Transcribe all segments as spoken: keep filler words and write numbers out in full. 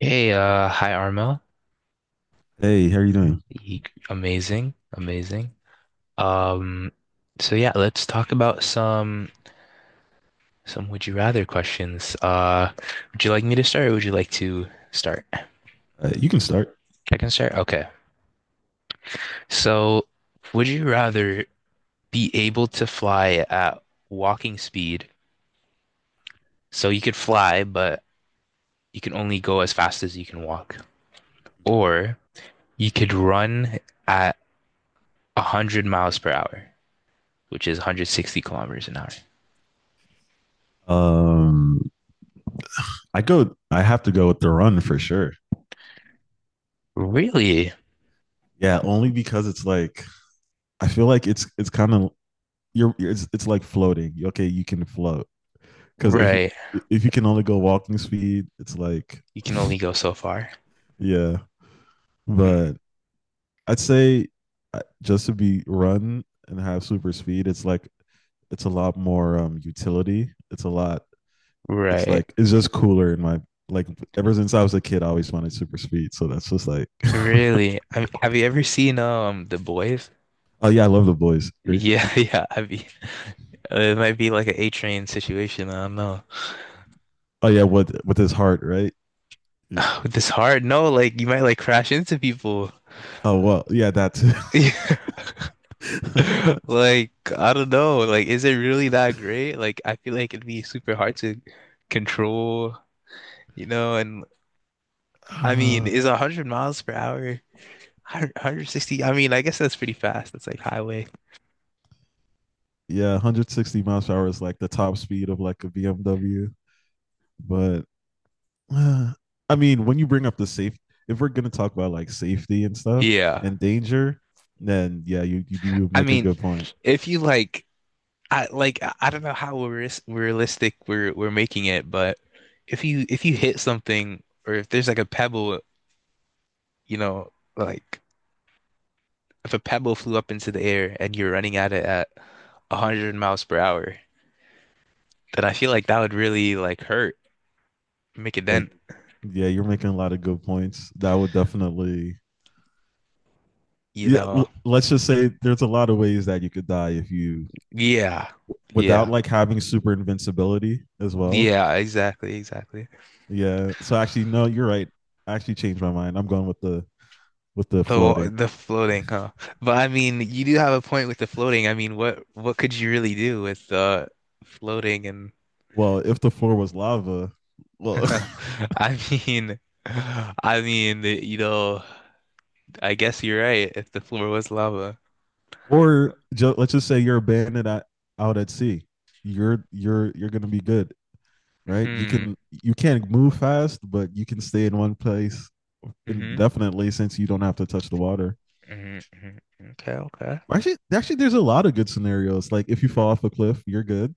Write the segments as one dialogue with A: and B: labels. A: Hey, uh, hi Arma.
B: Hey, how are you doing?
A: Ye- Amazing, amazing. Um, so yeah, let's talk about some some would you rather questions. Uh, would you like me to start or would you like to start?
B: Uh, you can start.
A: I can start. Okay. So, would you rather be able to fly at walking speed? So you could fly, but you can only go as fast as you can walk, or you could run at one hundred miles per hour, which is one hundred sixty kilometers an hour.
B: Um, I go. I have to go with the run for sure.
A: Really?
B: Yeah, only because it's like I feel like it's it's kind of you're you're- it's it's like floating. Okay, you can float because if you
A: Right.
B: if you can only go walking speed, it's like
A: You can only go so far.
B: yeah.
A: Mm.
B: But I'd say uh, just to be run and have super speed, it's like it's a lot more um utility. It's a lot. It's
A: Right.
B: like it's just cooler in my like ever since I was a kid, I always wanted super speed. So that's just like.
A: Really? I mean, have you ever seen um The Boys?
B: Oh yeah, I love the boys. Great
A: Yeah,
B: one.
A: yeah. I mean, it might be like an A train situation. I don't know.
B: Oh yeah, with with his heart, right? Yeah.
A: With this hard, no, like you might like crash into people.
B: Oh well, yeah, that's
A: Like, I don't know. Like, is it really that great? Like, I feel like it'd be super hard to control, you know, and I mean,
B: uh,
A: is one hundred miles per hour, one hundred sixty? I mean, I guess that's pretty fast. That's like highway.
B: yeah, one hundred sixty miles per hour is like the top speed of like a B M W. But uh, I mean, when you bring up the safe, if we're gonna talk about like safety and stuff
A: Yeah.
B: and danger, then yeah, you you do
A: I
B: make a
A: mean,
B: good point.
A: if you like I like I I don't know how realis- realistic we're we're making it, but if you if you hit something or if there's like a pebble, you know, like if a pebble flew up into the air and you're running at it at one hundred miles per hour, then I feel like that would really like hurt, make a
B: But
A: dent,
B: yeah, you're making a lot of good points. That would definitely
A: you
B: yeah.
A: know.
B: Let's just say there's a lot of ways that you could die if you
A: Yeah.
B: without
A: Yeah.
B: like having super invincibility as well.
A: Yeah, exactly, exactly.
B: Yeah. So actually, no, you're right. I actually changed my mind. I'm going with the with the
A: The
B: floating.
A: the floating, huh? But I mean, you do have a point with the floating. I mean, what what could you really do with uh floating and
B: Well, if the floor was lava, well,
A: I mean, I mean, the- you know, I guess you're right if the floor was lava.
B: or ju- let's just say you're abandoned at, out at sea, you're you're you're gonna be good, right? You
A: Hmm.
B: can you can't move fast, but you can stay in one place
A: Hmm,
B: indefinitely since you don't have to touch the water.
A: hmm, hmm. Okay, okay.
B: Actually, actually, there's a lot of good scenarios. Like if you fall off a cliff, you're good.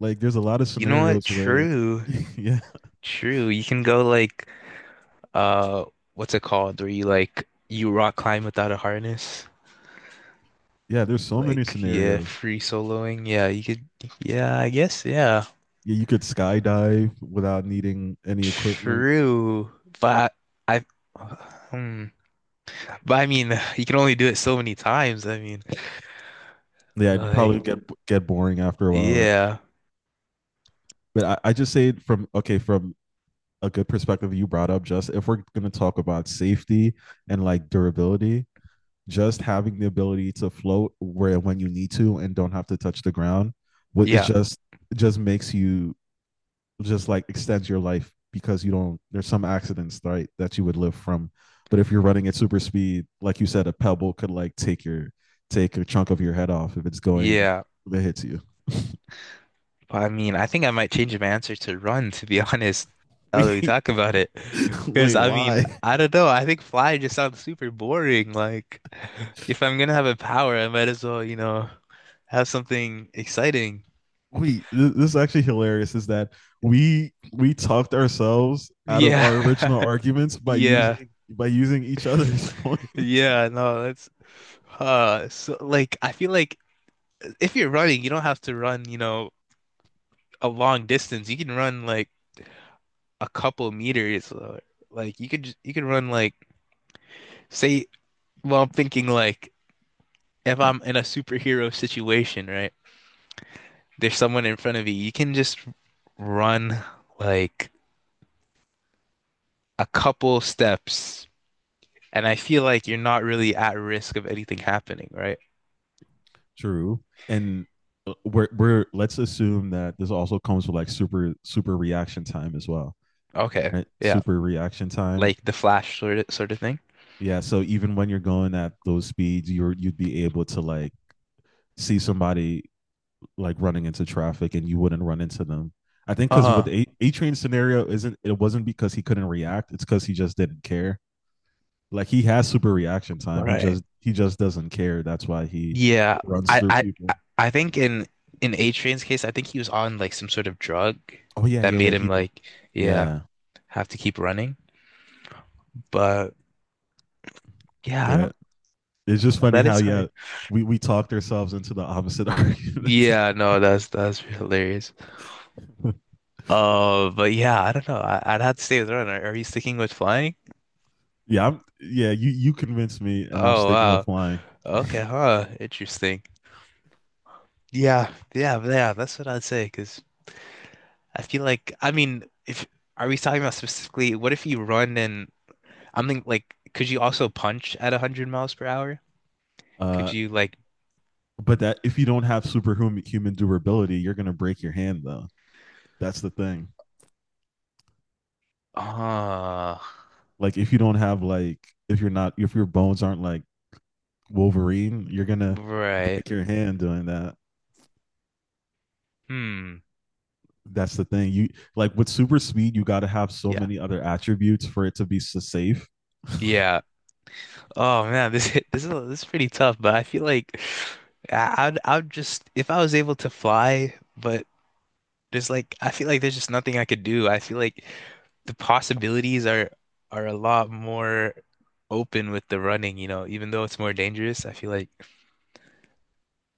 B: Like there's a lot of
A: You know what?
B: scenarios where
A: True.
B: yeah,
A: True. You can go like uh what's it called? Where you like you rock climb without a harness?
B: yeah, there's so many
A: Like yeah,
B: scenarios.
A: free soloing. Yeah, you could yeah, I guess yeah.
B: Yeah, you could skydive without needing any equipment.
A: True, but I, hmm, but I mean, you can only do it so many times. I mean,
B: Yeah, it'd
A: like,
B: probably
A: Um,
B: get get boring after a while, right?
A: yeah,
B: But I, I just say it from okay, from a good perspective you brought up, just if we're gonna talk about safety and like durability, just having the ability to float where when you need to and don't have to touch the ground, what is
A: yeah,
B: just it just makes you just like extends your life because you don't there's some accidents right that you would live from but if you're running at super speed like you said a pebble could like take your take a chunk of your head off if it's going
A: yeah.
B: that hits you.
A: But I mean, I think I might change my answer to run, to be honest, now that we
B: wait
A: talk about it. Because
B: wait
A: I mean,
B: why
A: I don't know. I think fly just sounds super boring. Like, if I'm gonna have a power, I might as well, you know, have something exciting.
B: wait, this is actually hilarious is that we we talked ourselves out of our
A: Yeah,
B: original arguments by
A: yeah,
B: using by using each other's points.
A: yeah. No, that's. Uh, so like I feel like if you're running, you don't have to run, you know, a long distance. You can run like a couple meters. Or, like you could just, you can run like say, well, I'm thinking like if I'm in a superhero situation, right? There's someone in front of you. You can just run like a couple steps, and I feel like you're not really at risk of anything happening, right?
B: True. And uh, we're we're let's assume that this also comes with like super super reaction time as well,
A: Okay.
B: right?
A: Yeah.
B: Super reaction time.
A: Like the Flash sort of sort of thing.
B: Yeah, so even when you're going at those speeds, you're you'd be able to like see somebody like running into traffic and you wouldn't run into them. I think because with
A: Uh-huh.
B: a train scenario isn't it wasn't because he couldn't react, it's because he just didn't care. Like he has super reaction time. He
A: Right.
B: just he just doesn't care. That's why he
A: Yeah,
B: runs
A: I
B: through
A: I
B: people.
A: I I think in in A-Train's case, I think he was on like some sort of drug
B: Oh yeah,
A: that
B: yeah, yeah.
A: made him
B: He
A: like, yeah,
B: yeah,
A: have to keep running. But yeah, I
B: yeah.
A: don't
B: It's just
A: know.
B: funny
A: That
B: how
A: is
B: yeah
A: hard.
B: we we talked ourselves into the opposite arguments.
A: Yeah, no, that's that's hilarious. Uh, but yeah, I don't know. I, I'd have to stay with Ron. Are, are you sticking with flying?
B: yeah, I'm yeah. You you convinced me, and I'm
A: Oh
B: sticking with
A: wow.
B: flying.
A: Okay, huh. Interesting. Yeah, yeah, yeah. That's what I'd say. Because I feel like, I mean, if are we talking about specifically, what if you run and I'm thinking like, could you also punch at one hundred miles per hour? Could
B: Uh,
A: you like,
B: but that if you don't have superhuman human durability, you're gonna break your hand though. That's the thing.
A: ah,
B: Like if you don't have like if you're not if your bones aren't like Wolverine, you're gonna
A: right.
B: break your hand doing that.
A: Hmm.
B: That's the thing. You like with super speed, you got to have so
A: Yeah.
B: many other attributes for it to be so safe.
A: Yeah. Oh man, this this is this is pretty tough, but I feel like I- I'd I'd just if I was able to fly, but there's like I feel like there's just nothing I could do. I feel like the possibilities are are a lot more open with the running, you know, even though it's more dangerous, I feel like.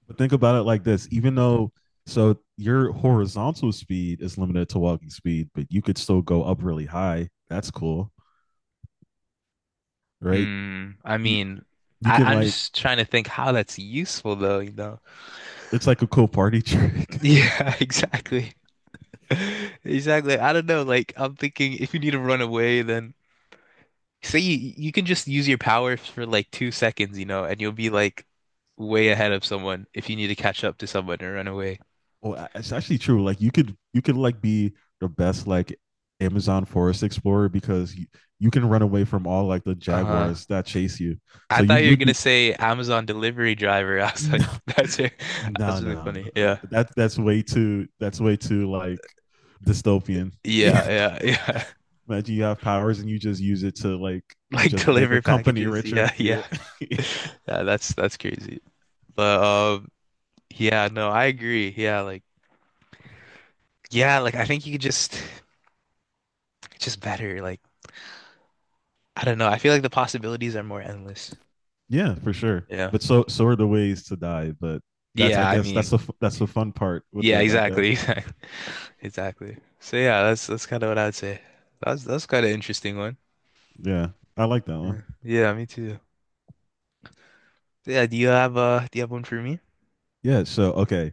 B: But think about it like this, even though so your horizontal speed is limited to walking speed, but you could still go up really high. That's cool, right?
A: Hmm. I
B: You
A: mean,
B: you
A: I,
B: can
A: I'm
B: like
A: just trying to think how that's useful though, you know?
B: it's like a cool party trick.
A: Yeah, exactly. Exactly. I don't know. Like, I'm thinking if you need to run away, then say you you can just use your power for like two seconds, you know, and you'll be like way ahead of someone if you need to catch up to someone or run away.
B: Oh, a- it's actually true. Like you could you could like be the best like Amazon Forest Explorer because you, you can run away from all like the
A: Uh,
B: jaguars that chase you.
A: I
B: So you
A: thought you were
B: you'd
A: gonna
B: be
A: say Amazon delivery driver. I was like,
B: no
A: that's it. That's
B: no
A: really
B: no no.
A: funny. Yeah.
B: That that's way too that's way too like dystopian.
A: Yeah, yeah, yeah.
B: Imagine you have powers and you just use it to like
A: Like
B: just make a
A: deliver
B: company
A: packages.
B: richer.
A: Yeah,
B: Yeah.
A: yeah. Yeah, that's that's crazy. But um yeah, no, I agree. Yeah, like yeah, like I think you could just just better. Like I don't know. I feel like the possibilities are more endless.
B: yeah, for sure.
A: Yeah.
B: But so so are the ways to die, but that's
A: Yeah,
B: I
A: I
B: guess
A: mean,
B: that's the that's the fun part with
A: yeah,
B: it, I
A: exactly.
B: guess.
A: Exactly. Exactly. So yeah, that's that's kind of what I'd say. That's that's kind of interesting one.
B: Yeah. I like that one.
A: Yeah. Yeah, me too. So, yeah, do you have uh do you have one for me?
B: Yeah, so okay.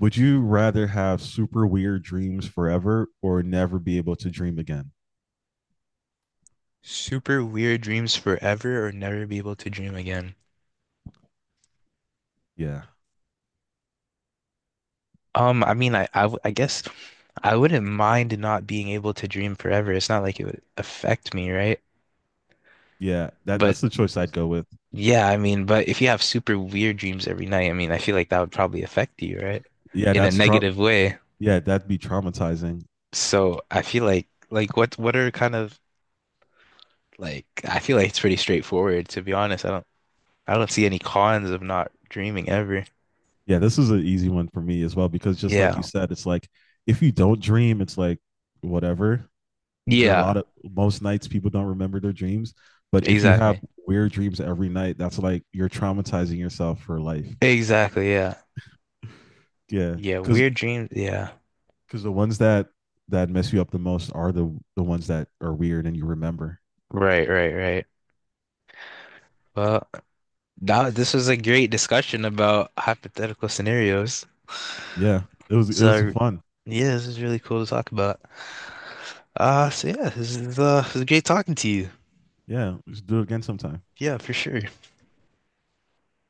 B: Would you rather have super weird dreams forever or never be able to dream again?
A: Super weird dreams forever or never be able to dream again?
B: Yeah.
A: Um, I mean, I, I, w- I guess I wouldn't mind not being able to dream forever. It's not like it would affect me, right?
B: Yeah, that
A: But
B: that's the choice I'd go with.
A: yeah, I mean, but if you have super weird dreams every night, I mean, I feel like that would probably affect you, right?
B: Yeah,
A: In a
B: that's tra-
A: negative way.
B: yeah, that'd be traumatizing.
A: So I feel like, like what, what are kind of like, I feel like it's pretty straightforward, to be honest. I don't, I don't see any cons of not dreaming ever.
B: Yeah, this is an easy one for me as well because just like you
A: Yeah.
B: said, it's like if you don't dream, it's like whatever. There are a
A: Yeah.
B: lot of most nights people don't remember their dreams, but if you have
A: Exactly.
B: weird dreams every night, that's like you're traumatizing yourself for life.
A: Exactly. Yeah.
B: Yeah,
A: Yeah.
B: because
A: Weird dreams. Yeah.
B: because the ones that that mess you up the most are the the ones that are weird and you remember.
A: Right. Right. Right. Well. Now, this was a great discussion about hypothetical scenarios.
B: Yeah, it was it was
A: So,
B: fun.
A: yeah, this is really cool to talk about. Uh, so yeah, this is uh, it was great talking to you.
B: Yeah, we should do it again sometime.
A: Yeah, for sure.